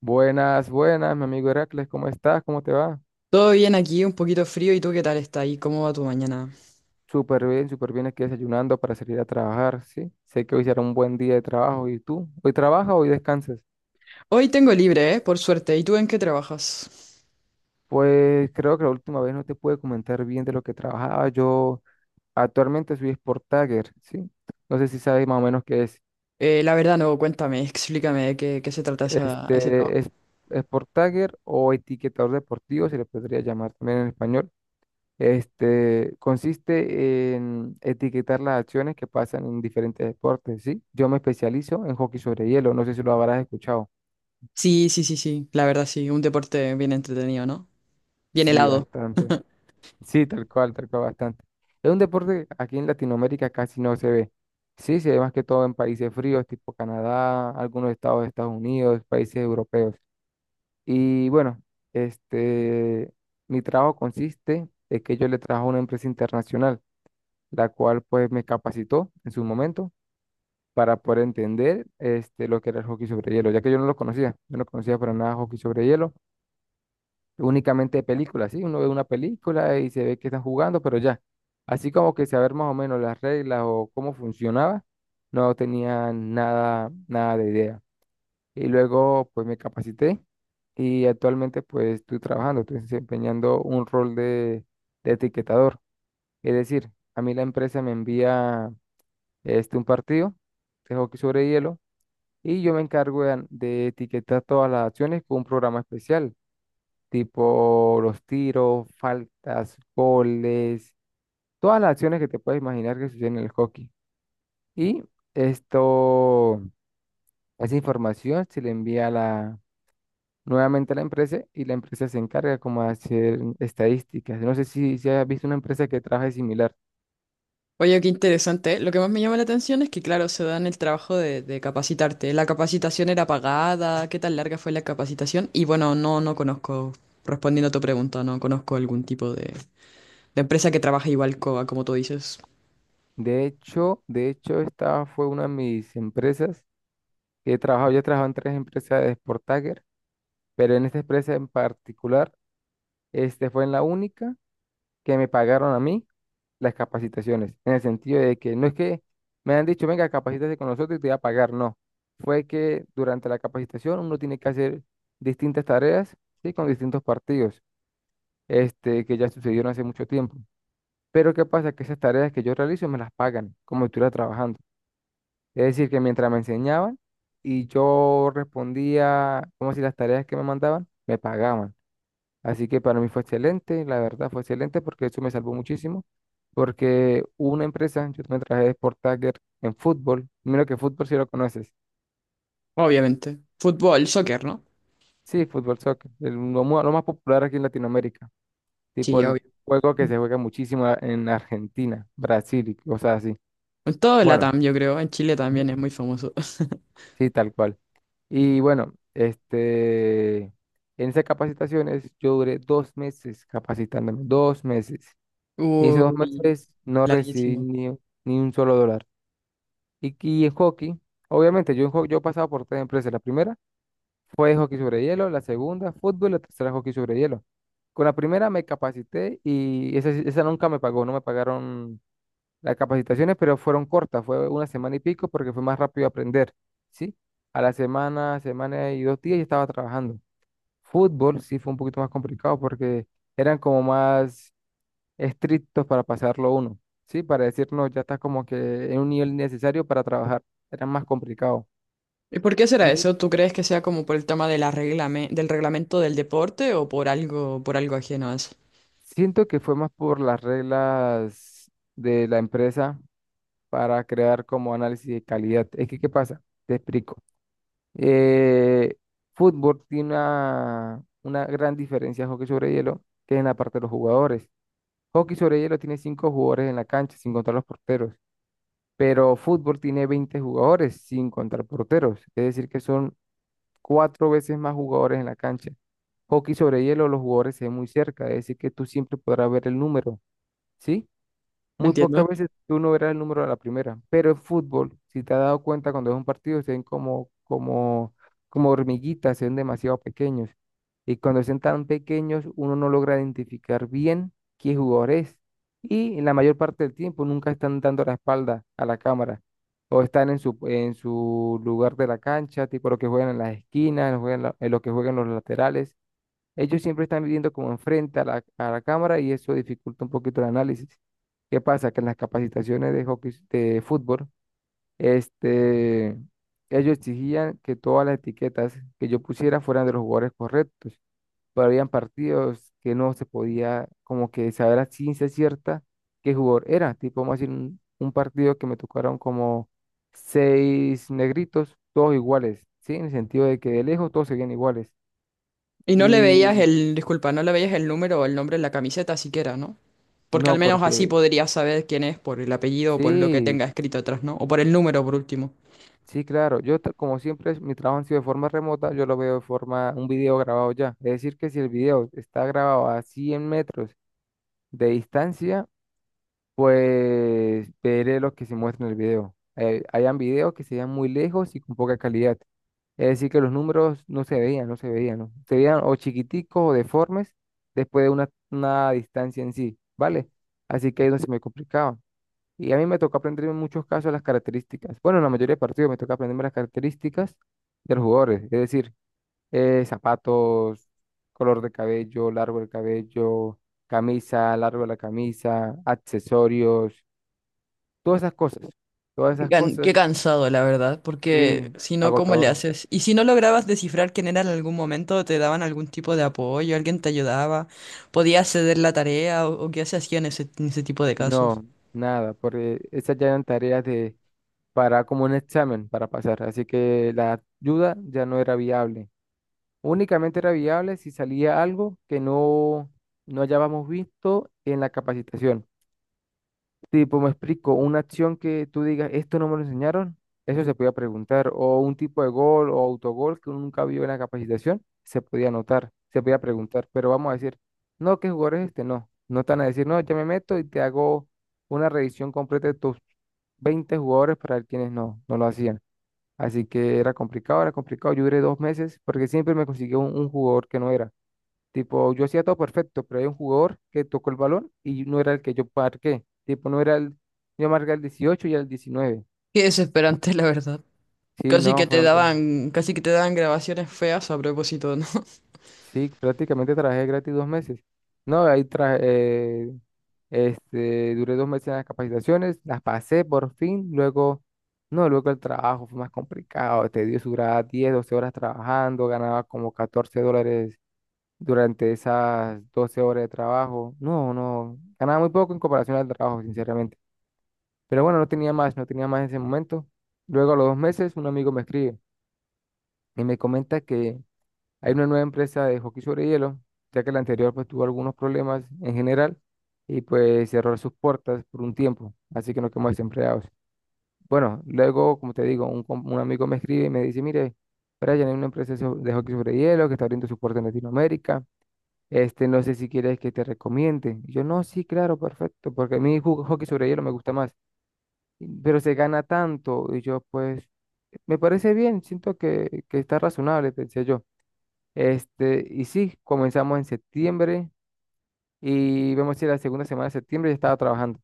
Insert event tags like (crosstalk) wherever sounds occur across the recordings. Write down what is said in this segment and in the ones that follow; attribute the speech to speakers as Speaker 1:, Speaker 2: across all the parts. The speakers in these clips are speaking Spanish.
Speaker 1: Buenas, buenas, mi amigo Heracles, ¿cómo estás? ¿Cómo te va?
Speaker 2: Todo bien aquí, un poquito frío. ¿Y tú qué tal está ahí? ¿Cómo va tu mañana?
Speaker 1: Súper bien, aquí desayunando para salir a trabajar, ¿sí? Sé que hoy será un buen día de trabajo, ¿y tú? ¿Hoy trabajas o hoy descansas?
Speaker 2: Hoy tengo libre, ¿eh? Por suerte. ¿Y tú en qué trabajas?
Speaker 1: Pues creo que la última vez no te pude comentar bien de lo que trabajaba. Yo actualmente soy Sport Tagger, ¿sí? No sé si sabes más o menos qué es.
Speaker 2: La verdad no, cuéntame, explícame de qué se trata ese trabajo.
Speaker 1: Este es Sport Tagger o etiquetador deportivo, se le podría llamar también en español. Consiste en etiquetar las acciones que pasan en diferentes deportes, ¿sí? Yo me especializo en hockey sobre hielo, no sé si lo habrás escuchado.
Speaker 2: Sí, sí, sí, sí, la verdad sí, un deporte bien entretenido, ¿no? Bien
Speaker 1: Sí,
Speaker 2: helado.
Speaker 1: bastante. Sí, tal cual, bastante. Es un deporte que aquí en Latinoamérica casi no se ve. Sí, se ve más que todo en países fríos, tipo Canadá, algunos estados de Estados Unidos, países europeos. Y bueno, este, mi trabajo consiste en que yo le trabajo a una empresa internacional, la cual pues me capacitó en su momento para poder entender lo que era el hockey sobre hielo, ya que yo no lo conocía, yo no conocía para nada hockey sobre hielo, únicamente de películas, ¿sí? Uno ve una película y se ve que están jugando, pero ya, así como que saber más o menos las reglas o cómo funcionaba, no tenía nada, nada de idea. Y luego pues me capacité y actualmente pues estoy trabajando, estoy desempeñando un rol de etiquetador, es decir, a mí la empresa me envía un partido de hockey sobre hielo y yo me encargo de etiquetar todas las acciones con un programa especial, tipo los tiros, faltas, goles, todas las acciones que te puedes imaginar que suceden en el hockey. Y esto, esa información se le envía a la, nuevamente a la empresa y la empresa se encarga como de hacer estadísticas. No sé si, si has visto una empresa que trabaje similar.
Speaker 2: Oye, qué interesante. Lo que más me llama la atención es que, claro, se dan el trabajo de capacitarte. La capacitación era pagada, ¿qué tan larga fue la capacitación? Y bueno, no, no conozco, respondiendo a tu pregunta, no conozco algún tipo de empresa que trabaje igual como tú dices.
Speaker 1: De hecho, esta fue una de mis empresas que he trabajado. Yo he trabajado en tres empresas de Sport pero en esta empresa en particular, fue en la única que me pagaron a mí las capacitaciones, en el sentido de que no es que me han dicho, venga, capacítate con nosotros y te voy a pagar, no. Fue que durante la capacitación uno tiene que hacer distintas tareas, ¿sí? Con distintos partidos, que ya sucedieron hace mucho tiempo. Pero ¿qué pasa? Que esas tareas que yo realizo me las pagan como si estuviera trabajando. Es decir, que mientras me enseñaban y yo respondía, como si las tareas que me mandaban, me pagaban. Así que para mí fue excelente, la verdad fue excelente porque eso me salvó muchísimo. Porque hubo una empresa, yo también trabajé de Sport Tagger en fútbol. Mira que fútbol si lo conoces.
Speaker 2: Obviamente. Fútbol, soccer, ¿no?
Speaker 1: Sí, fútbol soccer, lo más popular aquí en Latinoamérica. Tipo
Speaker 2: Sí,
Speaker 1: el
Speaker 2: obvio.
Speaker 1: juego que se juega muchísimo en Argentina, Brasil y cosas así.
Speaker 2: En todo el
Speaker 1: Bueno,
Speaker 2: LATAM, yo creo. En Chile también
Speaker 1: ujú,
Speaker 2: es muy famoso. (laughs)
Speaker 1: sí, tal cual. Y bueno, en esas capacitaciones yo duré 2 meses capacitándome, 2 meses. Y esos dos
Speaker 2: Uy,
Speaker 1: meses no recibí
Speaker 2: larguísimo.
Speaker 1: ni un solo dólar. Y en hockey, obviamente, yo he pasado por tres empresas. La primera fue hockey sobre hielo, la segunda fútbol, la tercera hockey sobre hielo. Con la primera me capacité y esa nunca me pagó, no me pagaron las capacitaciones, pero fueron cortas, fue una semana y pico porque fue más rápido aprender, ¿sí? A la semana, semana y 2 días ya estaba trabajando. Fútbol sí fue un poquito más complicado porque eran como más estrictos para pasarlo uno, ¿sí? Para decirnos, ya está como que en un nivel necesario para trabajar. Era más complicado.
Speaker 2: ¿Y por qué será
Speaker 1: Y
Speaker 2: eso? ¿Tú crees que sea como por el tema de la del reglamento del deporte o por algo ajeno a eso?
Speaker 1: siento que fue más por las reglas de la empresa para crear como análisis de calidad. Es que, ¿qué pasa? Te explico. Eh, fútbol tiene una gran diferencia de hockey sobre hielo, que es en la parte de los jugadores. Hockey sobre hielo tiene cinco jugadores en la cancha, sin contar los porteros. Pero fútbol tiene 20 jugadores sin contar porteros. Es decir, que son cuatro veces más jugadores en la cancha. Hockey sobre hielo, los jugadores se ven muy cerca, es decir, que tú siempre podrás ver el número, ¿sí?
Speaker 2: No
Speaker 1: Muy pocas
Speaker 2: entiendo.
Speaker 1: veces tú no verás el número a la primera, pero en fútbol, si te has dado cuenta cuando es un partido, se ven como, como, como hormiguitas, se ven demasiado pequeños. Y cuando se ven tan pequeños, uno no logra identificar bien qué jugador es. Y en la mayor parte del tiempo nunca están dando la espalda a la cámara. O están en su lugar de la cancha, tipo lo que juegan en las esquinas, en lo que juegan los laterales. Ellos siempre están viviendo como enfrente a la cámara y eso dificulta un poquito el análisis. ¿Qué pasa? Que en las capacitaciones de hockey, de fútbol, este, ellos exigían que todas las etiquetas que yo pusiera fueran de los jugadores correctos, pero habían partidos que no se podía como que saber a ciencia cierta qué jugador era. Tipo, vamos a decir, un partido que me tocaron como seis negritos, todos iguales, ¿sí? En el sentido de que de lejos todos se veían iguales.
Speaker 2: Y no le veías
Speaker 1: Y
Speaker 2: el, disculpa, no le veías el número o el nombre en la camiseta siquiera, ¿no? Porque al
Speaker 1: no,
Speaker 2: menos así
Speaker 1: porque
Speaker 2: podrías saber quién es por el apellido o por lo que
Speaker 1: sí,
Speaker 2: tenga escrito atrás, ¿no? O por el número, por último.
Speaker 1: sí, claro. Como siempre, mi trabajo ha sido de forma remota, yo lo veo de forma, un video grabado ya. Es decir, que si el video está grabado a 100 metros de distancia, pues veré lo que se muestra en el video. Hayan videos que se vean muy lejos y con poca calidad. Es decir, que los números no se veían, no se veían, ¿no? Se veían o chiquiticos o deformes después de una distancia en sí, ¿vale? Así que ahí es donde se me complicaba. Y a mí me tocó aprender en muchos casos las características. Bueno, en la mayoría de partidos me toca aprenderme las características de los jugadores. Es decir, zapatos, color de cabello, largo del cabello, camisa, largo de la camisa, accesorios, todas esas cosas. Todas esas
Speaker 2: Qué
Speaker 1: cosas,
Speaker 2: cansado, la verdad, porque
Speaker 1: sí,
Speaker 2: si no, ¿cómo le
Speaker 1: agotador.
Speaker 2: haces? Y si no lograbas descifrar quién era en algún momento, te daban algún tipo de apoyo, alguien te ayudaba, podías ceder la tarea o qué se hacía en ese tipo de casos.
Speaker 1: No, nada, porque esas ya eran tareas de, para como un examen para pasar. Así que la ayuda ya no era viable. Únicamente era viable si salía algo que no hayábamos visto en la capacitación. Tipo, me explico, una acción que tú digas, esto no me lo enseñaron, eso se podía preguntar. O un tipo de gol o autogol que uno nunca vio en la capacitación, se podía anotar, se podía preguntar. Pero vamos a decir, no, ¿qué jugador es este? No. No están a decir, no, ya me meto y te hago una revisión completa de tus 20 jugadores para ver quienes no, no lo hacían. Así que era complicado, era complicado. Yo duré dos meses porque siempre me consiguió un jugador que no era. Tipo, yo hacía todo perfecto, pero hay un jugador que tocó el balón y no era el que yo marqué. Tipo, no era el, yo marqué el 18 y el 19.
Speaker 2: Qué desesperante, la verdad.
Speaker 1: Sí, no, fueron todos.
Speaker 2: Casi que te daban grabaciones feas a propósito, ¿no? (laughs)
Speaker 1: Sí, prácticamente trabajé gratis 2 meses. No, ahí traje, duré dos meses en las capacitaciones, las pasé por fin, luego, no, luego el trabajo fue más complicado, te dio su duraba 10, 12 horas trabajando, ganaba como $14 durante esas 12 horas de trabajo. No, no, ganaba muy poco en comparación al trabajo, sinceramente. Pero bueno, no tenía más, no tenía más en ese momento. Luego a los 2 meses un amigo me escribe y me comenta que hay una nueva empresa de hockey sobre hielo, ya que la anterior pues tuvo algunos problemas en general y pues cerró sus puertas por un tiempo, así que nos quedamos desempleados. Bueno, luego, como te digo, un amigo me escribe y me dice, mire, Brian, hay una empresa de hockey sobre hielo que está abriendo su puerta en Latinoamérica. Este, no sé si quieres que te recomiende. Y yo, no, sí, claro, perfecto, porque a mí hockey sobre hielo me gusta más pero se gana tanto. Y yo, pues, me parece bien, siento que está razonable, pensé yo. Y sí, comenzamos en septiembre y vemos si la segunda semana de septiembre ya estaba trabajando.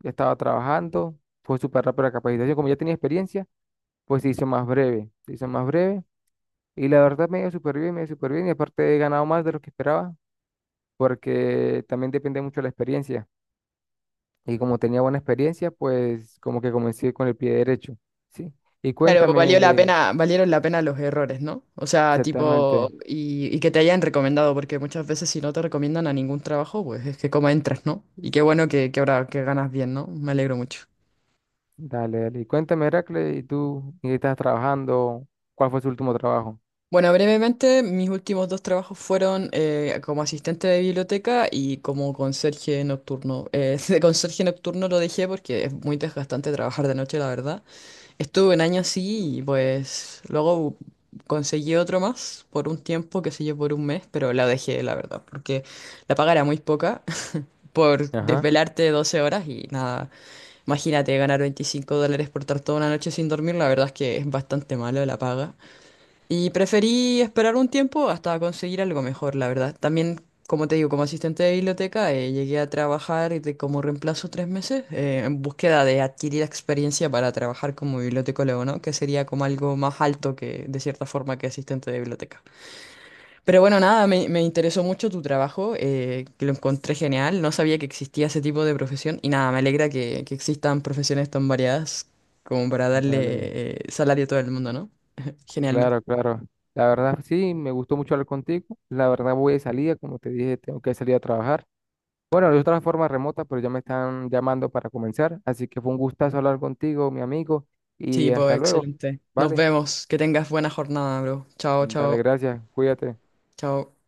Speaker 1: Ya estaba trabajando, fue súper rápido la capacitación. Como ya tenía experiencia, pues se hizo más breve, se hizo más breve. Y la verdad me dio súper bien, me dio súper bien. Y aparte he ganado más de lo que esperaba, porque también depende mucho de la experiencia. Y como tenía buena experiencia, pues como que comencé con el pie derecho, ¿sí? Y
Speaker 2: Claro, valió la
Speaker 1: cuéntame,
Speaker 2: pena, valieron la pena los errores, ¿no? O sea, tipo,
Speaker 1: exactamente.
Speaker 2: y que te hayan recomendado, porque muchas veces si no te recomiendan a ningún trabajo, pues es que como entras, ¿no? Y qué bueno que ahora que ganas bien, ¿no? Me alegro mucho.
Speaker 1: Dale, dale. Y cuéntame, Heracle, ¿y tú en qué estás trabajando? ¿Cuál fue su último trabajo?
Speaker 2: Bueno, brevemente, mis últimos dos trabajos fueron como asistente de biblioteca y como conserje nocturno. (laughs) De conserje nocturno lo dejé porque es muy desgastante trabajar de noche, la verdad. Estuve un año así y pues luego conseguí otro más por un tiempo, qué sé yo, por un mes, pero la dejé, la verdad, porque la paga era muy poca (laughs) por
Speaker 1: Ajá.
Speaker 2: desvelarte 12 horas y nada. Imagínate ganar 25 dólares por estar toda una noche sin dormir, la verdad es que es bastante malo la paga. Y preferí esperar un tiempo hasta conseguir algo mejor, la verdad. También, como te digo, como asistente de biblioteca, llegué a trabajar como reemplazo 3 meses en búsqueda de adquirir experiencia para trabajar como bibliotecólogo, ¿no? Que sería como algo más alto que, de cierta forma, que asistente de biblioteca. Pero bueno, nada, me interesó mucho tu trabajo, que lo encontré genial. No sabía que existía ese tipo de profesión y nada, me alegra que existan profesiones tan variadas como para
Speaker 1: Dale.
Speaker 2: darle salario a todo el mundo, ¿no? Genial, ¿no?
Speaker 1: Claro, claro. La verdad, sí, me gustó mucho hablar contigo. La verdad, voy de salida, como te dije, tengo que salir a trabajar. Bueno, de otra forma remota, pero ya me están llamando para comenzar. Así que fue un gustazo hablar contigo, mi amigo,
Speaker 2: Sí,
Speaker 1: y
Speaker 2: pues
Speaker 1: hasta luego.
Speaker 2: excelente. Nos
Speaker 1: Vale.
Speaker 2: vemos. Que tengas buena jornada, bro. Chao,
Speaker 1: Dale,
Speaker 2: chao,
Speaker 1: gracias. Cuídate.
Speaker 2: chao.